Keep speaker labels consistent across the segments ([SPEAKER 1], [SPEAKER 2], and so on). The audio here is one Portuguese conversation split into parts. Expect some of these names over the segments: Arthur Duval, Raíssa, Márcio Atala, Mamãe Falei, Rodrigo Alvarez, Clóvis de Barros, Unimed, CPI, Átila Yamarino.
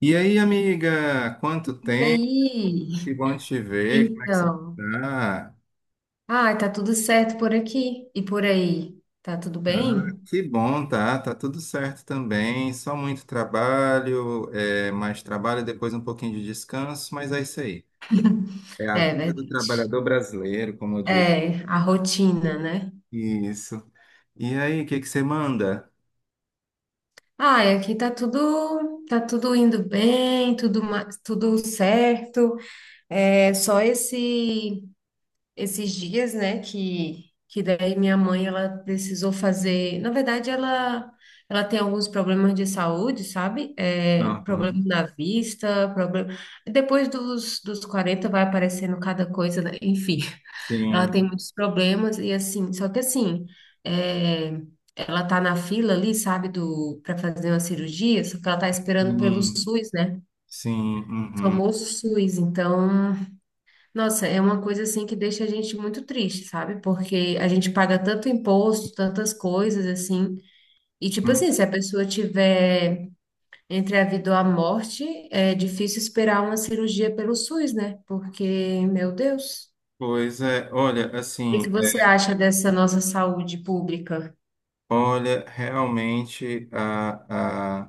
[SPEAKER 1] E aí, amiga, quanto
[SPEAKER 2] E
[SPEAKER 1] tempo?
[SPEAKER 2] aí?
[SPEAKER 1] Que bom te ver, como é que você
[SPEAKER 2] Então.
[SPEAKER 1] está?
[SPEAKER 2] Ah, tá tudo certo por aqui e por aí. Tá tudo
[SPEAKER 1] Ah,
[SPEAKER 2] bem?
[SPEAKER 1] que bom, tá? Tá tudo certo também, só muito trabalho, mais trabalho, depois um pouquinho de descanso, mas é isso aí. É a
[SPEAKER 2] É
[SPEAKER 1] vida do
[SPEAKER 2] verdade.
[SPEAKER 1] trabalhador brasileiro, como eu digo.
[SPEAKER 2] É, a rotina, né?
[SPEAKER 1] Isso. E aí, o que que você manda?
[SPEAKER 2] Ah, e aqui tá tudo indo bem, tudo, tudo certo. É só esses dias, né, que daí minha mãe, ela precisou fazer, na verdade, ela tem alguns problemas de saúde, sabe? É, problema
[SPEAKER 1] Aham.
[SPEAKER 2] na vista, problema. Depois dos 40 vai aparecendo cada coisa, né? Enfim, ela tem
[SPEAKER 1] Sim,
[SPEAKER 2] muitos problemas e assim, só que assim, é, ela tá na fila ali, sabe, para fazer uma cirurgia, só que ela tá esperando pelo
[SPEAKER 1] sim,
[SPEAKER 2] SUS, né?
[SPEAKER 1] sim, uhum.
[SPEAKER 2] Famoso SUS, então nossa, é uma coisa assim que deixa a gente muito triste, sabe? Porque a gente paga tanto imposto, tantas coisas assim. E tipo
[SPEAKER 1] Hum.
[SPEAKER 2] assim, se a pessoa tiver entre a vida ou a morte, é difícil esperar uma cirurgia pelo SUS, né? Porque, meu Deus,
[SPEAKER 1] Pois é, olha,
[SPEAKER 2] o que que
[SPEAKER 1] assim,
[SPEAKER 2] você acha dessa nossa saúde pública?
[SPEAKER 1] olha, realmente a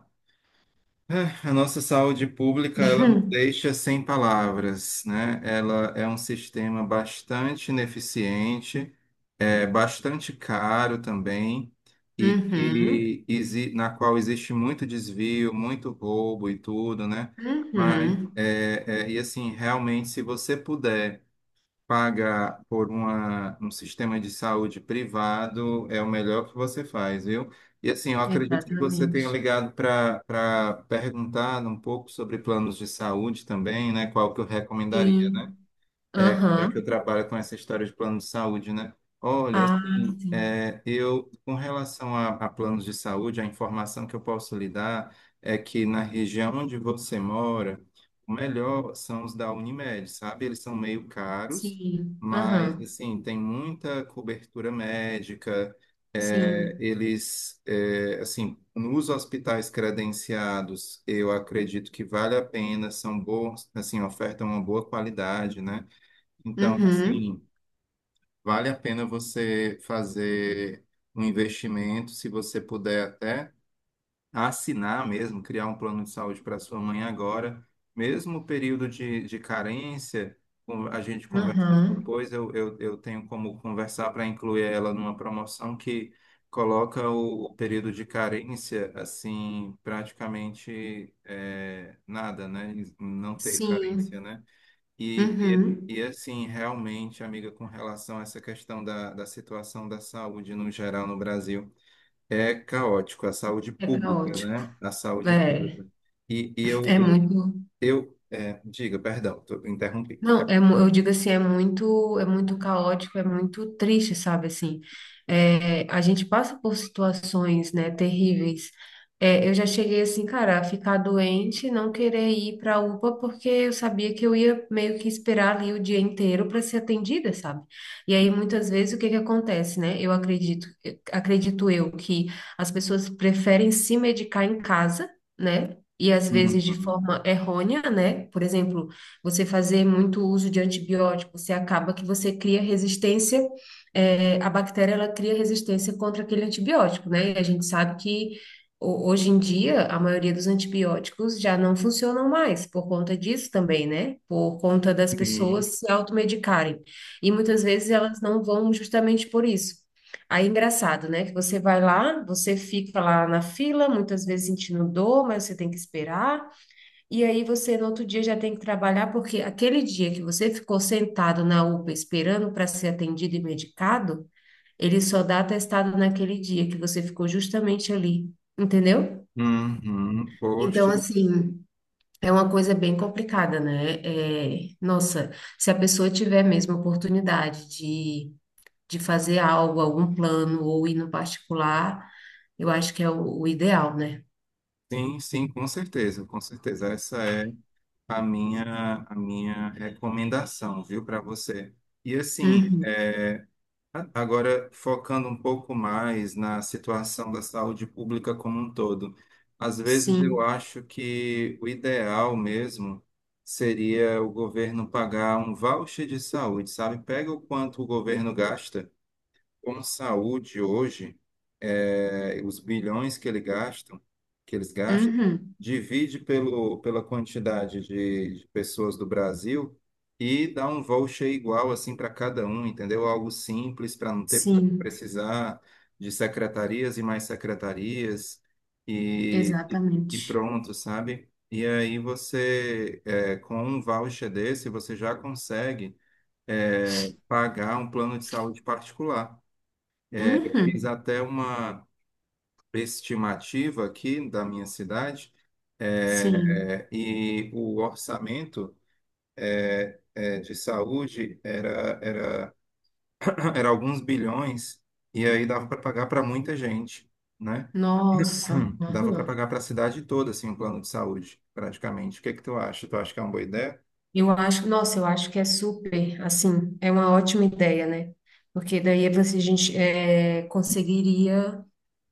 [SPEAKER 1] A nossa saúde pública, ela nos deixa sem palavras, né? Ela é um sistema bastante ineficiente, é bastante caro também, e
[SPEAKER 2] Uhum,
[SPEAKER 1] que na qual existe muito desvio, muito roubo e tudo, né? Mas,
[SPEAKER 2] uhum,
[SPEAKER 1] e assim, realmente, se você puder paga por um sistema de saúde privado é o melhor que você faz, viu? E assim, eu acredito que você tenha
[SPEAKER 2] exatamente.
[SPEAKER 1] ligado para perguntar um pouco sobre planos de saúde também, né? Qual que eu recomendaria, né?
[SPEAKER 2] Sim,
[SPEAKER 1] Já que
[SPEAKER 2] aham.
[SPEAKER 1] eu trabalho com essa história de plano de saúde, né? Olha,
[SPEAKER 2] Ah,
[SPEAKER 1] assim,
[SPEAKER 2] sim,
[SPEAKER 1] com relação a planos de saúde, a informação que eu posso lhe dar é que na região onde você mora, o melhor são os da Unimed, sabe? Eles são meio caros,
[SPEAKER 2] sim,
[SPEAKER 1] mas,
[SPEAKER 2] aham.
[SPEAKER 1] assim, tem muita cobertura médica,
[SPEAKER 2] Sim,
[SPEAKER 1] assim, nos hospitais credenciados, eu acredito que vale a pena, são bons, assim, ofertam uma boa qualidade, né? Então,
[SPEAKER 2] uhum,
[SPEAKER 1] assim, vale a pena você fazer um investimento, se você puder até assinar mesmo, criar um plano de saúde para sua mãe agora, mesmo o período de carência, a gente conversa
[SPEAKER 2] aham.
[SPEAKER 1] depois, eu tenho como conversar para incluir ela numa promoção que coloca o período de carência, assim, praticamente é nada, né? Não ter carência,
[SPEAKER 2] Sim.
[SPEAKER 1] né?
[SPEAKER 2] Uhum.
[SPEAKER 1] Assim, realmente, amiga, com relação a essa questão da situação da saúde no geral no Brasil, é caótico, a saúde
[SPEAKER 2] É
[SPEAKER 1] pública,
[SPEAKER 2] caótico.
[SPEAKER 1] né? A saúde
[SPEAKER 2] É,
[SPEAKER 1] pública. E, e eu,
[SPEAKER 2] é
[SPEAKER 1] eu,
[SPEAKER 2] muito.
[SPEAKER 1] Diga, perdão, tô, interrompi.
[SPEAKER 2] Não, eu digo assim, é muito caótico, é muito triste, sabe, assim, é, a gente passa por situações, né, terríveis. É, eu já cheguei assim, cara, a ficar doente, não querer ir para a UPA, porque eu sabia que eu ia meio que esperar ali o dia inteiro para ser atendida, sabe, e aí muitas vezes o que que acontece, né, eu acredito, acredito eu que as pessoas preferem se medicar em casa, né. E às vezes de
[SPEAKER 1] Uhum,
[SPEAKER 2] forma errônea, né? Por exemplo, você fazer muito uso de antibiótico, você acaba que você cria resistência, a bactéria ela cria resistência contra aquele antibiótico, né? E a gente sabe que hoje em dia a maioria dos antibióticos já não funcionam mais por conta disso também, né? Por conta das
[SPEAKER 1] sim,
[SPEAKER 2] pessoas se automedicarem. E muitas vezes elas não vão justamente por isso. Aí, é engraçado, né? Que você vai lá, você fica lá na fila, muitas vezes sentindo dor, mas você tem que esperar. E aí você no outro dia já tem que trabalhar, porque aquele dia que você ficou sentado na UPA esperando para ser atendido e medicado, ele só dá atestado naquele dia que você ficou justamente ali, entendeu?
[SPEAKER 1] uhum,
[SPEAKER 2] Então,
[SPEAKER 1] poxa,
[SPEAKER 2] assim, é uma coisa bem complicada, né? É, nossa, se a pessoa tiver mesmo a oportunidade de fazer algo, algum plano ou ir no particular, eu acho que é o ideal, né?
[SPEAKER 1] sim, sim, com certeza, com certeza. Essa é a minha recomendação, viu, para você. E assim,
[SPEAKER 2] Uhum,
[SPEAKER 1] é, agora, focando um pouco mais na situação da saúde pública como um todo, às vezes eu
[SPEAKER 2] sim,
[SPEAKER 1] acho que o ideal mesmo seria o governo pagar um voucher de saúde, sabe? Pega o quanto o governo gasta com saúde hoje, os bilhões que que eles gastam,
[SPEAKER 2] uhum,
[SPEAKER 1] divide pela quantidade de pessoas do Brasil e dá um voucher igual assim para cada um, entendeu? Algo simples para não ter
[SPEAKER 2] sim,
[SPEAKER 1] precisar de secretarias e mais secretarias e, e, e
[SPEAKER 2] exatamente.
[SPEAKER 1] pronto, sabe? E aí você, com um voucher desse, você já consegue, pagar um plano de saúde particular. Fiz
[SPEAKER 2] Uhum,
[SPEAKER 1] até uma estimativa aqui da minha cidade,
[SPEAKER 2] sim.
[SPEAKER 1] e o orçamento de saúde era, era alguns bilhões, e aí dava para pagar para muita gente, né?
[SPEAKER 2] Nossa.
[SPEAKER 1] Dava para
[SPEAKER 2] Aham.
[SPEAKER 1] pagar para a cidade toda, assim, um plano de saúde, praticamente. O que é que tu acha? Tu acha que é uma boa ideia?
[SPEAKER 2] Eu acho, nossa, eu acho que é super, assim, é uma ótima ideia, né? Porque daí é você, a gente é, conseguiria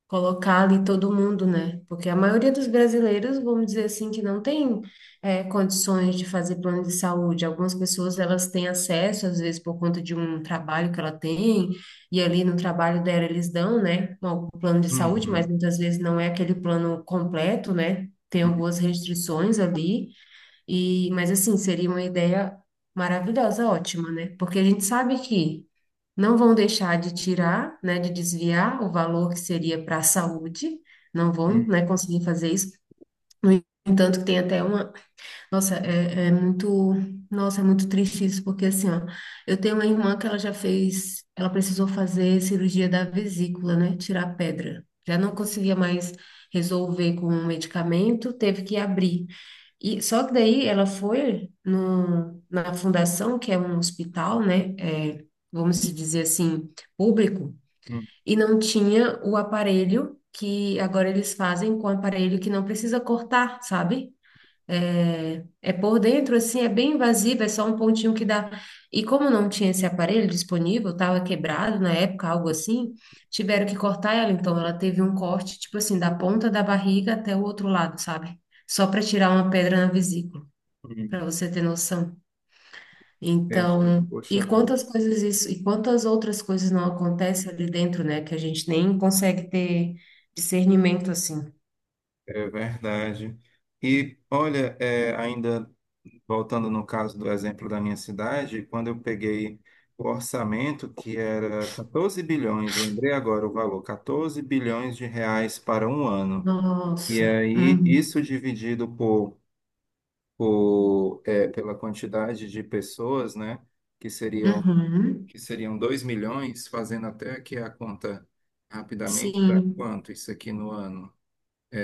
[SPEAKER 2] colocar ali todo mundo, né? Porque a maioria dos brasileiros, vamos dizer assim, que não tem condições de fazer plano de saúde. Algumas pessoas, elas têm acesso, às vezes, por conta de um trabalho que ela tem, e ali no trabalho dela eles dão, né, um plano de saúde, mas
[SPEAKER 1] Uhum,
[SPEAKER 2] muitas vezes não é aquele plano completo, né? Tem algumas restrições ali. E, mas assim, seria uma ideia maravilhosa, ótima, né? Porque a gente sabe que não vão deixar de tirar, né, de desviar o valor que seria para a saúde, não vão, né,
[SPEAKER 1] uhum,
[SPEAKER 2] conseguir fazer isso. No entanto, que tem até uma nossa, é muito, nossa, é muito triste isso, porque assim, ó, eu tenho uma irmã que ela já fez, ela precisou fazer cirurgia da vesícula, né? Tirar a pedra. Já não conseguia mais resolver com o medicamento, teve que abrir. E só que daí ela foi no, na fundação, que é um hospital, né? É, vamos dizer assim, público,
[SPEAKER 1] uhum,
[SPEAKER 2] e não tinha o aparelho que agora eles fazem com o aparelho que não precisa cortar, sabe? É, é por dentro, assim, é bem invasiva, é só um pontinho que dá. E como não tinha esse aparelho disponível, estava quebrado na época, algo assim, tiveram que cortar ela. Então, ela teve um corte, tipo assim, da ponta da barriga até o outro lado, sabe? Só para tirar uma pedra na vesícula,
[SPEAKER 1] uhum.
[SPEAKER 2] para você ter noção.
[SPEAKER 1] Este,
[SPEAKER 2] Então,
[SPEAKER 1] poxa
[SPEAKER 2] e
[SPEAKER 1] vida.
[SPEAKER 2] quantas coisas isso, e quantas outras coisas não acontecem ali dentro, né? Que a gente nem consegue ter discernimento assim.
[SPEAKER 1] É verdade. E olha, é, ainda voltando no caso do exemplo da minha cidade, quando eu peguei o orçamento, que era 14 bilhões, lembrei agora o valor, 14 bilhões de reais para um ano. E
[SPEAKER 2] Nossa.
[SPEAKER 1] aí,
[SPEAKER 2] Uhum.
[SPEAKER 1] isso dividido pela quantidade de pessoas, né, que seriam,
[SPEAKER 2] Uhum.
[SPEAKER 1] que seriam 2 milhões, fazendo até aqui a conta rapidamente, dá
[SPEAKER 2] Sim.
[SPEAKER 1] quanto isso aqui no ano?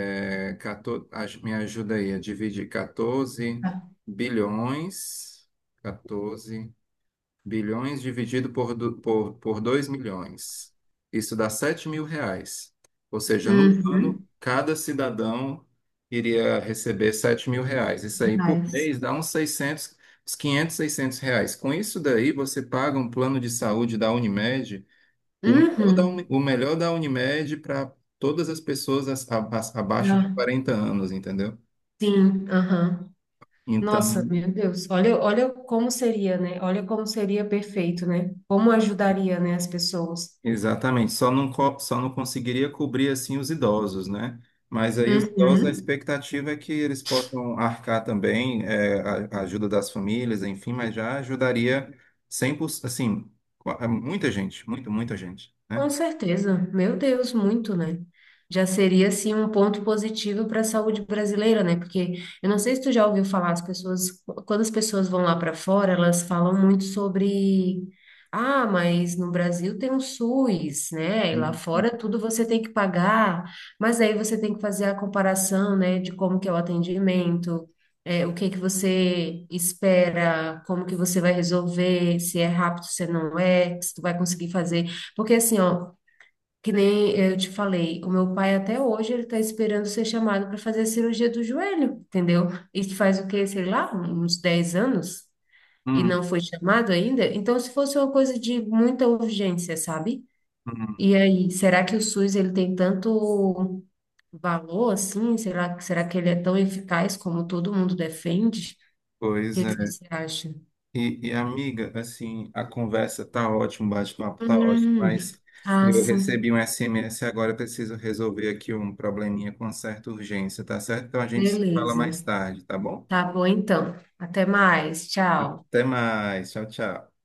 [SPEAKER 1] 14, me ajuda aí a dividir 14 bilhões, 14 bilhões dividido por 2 milhões. Isso dá R$ 7.000. Ou seja, no ano,
[SPEAKER 2] Uhum.
[SPEAKER 1] cada cidadão iria receber R$ 7.000. Isso aí por
[SPEAKER 2] Mas.
[SPEAKER 1] mês dá uns 600, uns 500, R$ 600. Com isso daí, você paga um plano de saúde da Unimed o melhor da,
[SPEAKER 2] Uhum.
[SPEAKER 1] o melhor da Unimed para todas as pessoas abaixo de
[SPEAKER 2] Ah,
[SPEAKER 1] 40 anos, entendeu?
[SPEAKER 2] sim, aham. Nossa,
[SPEAKER 1] Então,
[SPEAKER 2] meu Deus, olha, olha como seria, né? Olha como seria perfeito, né? Como ajudaria, né, as pessoas.
[SPEAKER 1] exatamente, só não, só não conseguiria cobrir assim os idosos, né? Mas aí os idosos, a
[SPEAKER 2] Uhum.
[SPEAKER 1] expectativa é que eles possam arcar também, a ajuda das famílias, enfim, mas já ajudaria 100%, assim, é muita gente, muita gente,
[SPEAKER 2] Com
[SPEAKER 1] né?
[SPEAKER 2] certeza, meu Deus, muito, né? Já seria assim um ponto positivo para a saúde brasileira, né? Porque eu não sei se tu já ouviu falar, as pessoas, quando as pessoas vão lá para fora, elas falam muito sobre, ah, mas no Brasil tem um SUS, né? E lá
[SPEAKER 1] Hum,
[SPEAKER 2] fora tudo você tem que pagar, mas aí você tem que fazer a comparação, né, de como que é o atendimento, é, o que que você espera, como que você vai resolver, se é rápido, se não é, se tu vai conseguir fazer porque assim, ó, que nem eu te falei, o meu pai até hoje ele tá esperando ser chamado para fazer a cirurgia do joelho, entendeu? Isso faz o quê, sei lá, uns 10 anos e
[SPEAKER 1] hum,
[SPEAKER 2] não foi chamado ainda. Então, se fosse uma coisa de muita urgência, sabe?
[SPEAKER 1] hum.
[SPEAKER 2] E aí, será que o SUS ele tem tanto valor assim? Será, será que ele é tão eficaz como todo mundo defende? O
[SPEAKER 1] Pois
[SPEAKER 2] que que
[SPEAKER 1] é.
[SPEAKER 2] você acha?
[SPEAKER 1] Amiga, assim, a conversa tá ótima, o bate-papo tá ótimo,
[SPEAKER 2] Hum,
[SPEAKER 1] mas
[SPEAKER 2] ah,
[SPEAKER 1] eu recebi
[SPEAKER 2] sim.
[SPEAKER 1] um SMS agora, eu preciso resolver aqui um probleminha com certa urgência, tá certo? Então a gente se fala mais
[SPEAKER 2] Beleza.
[SPEAKER 1] tarde, tá bom?
[SPEAKER 2] Tá bom então. Até mais. Tchau.
[SPEAKER 1] Até mais, tchau, tchau.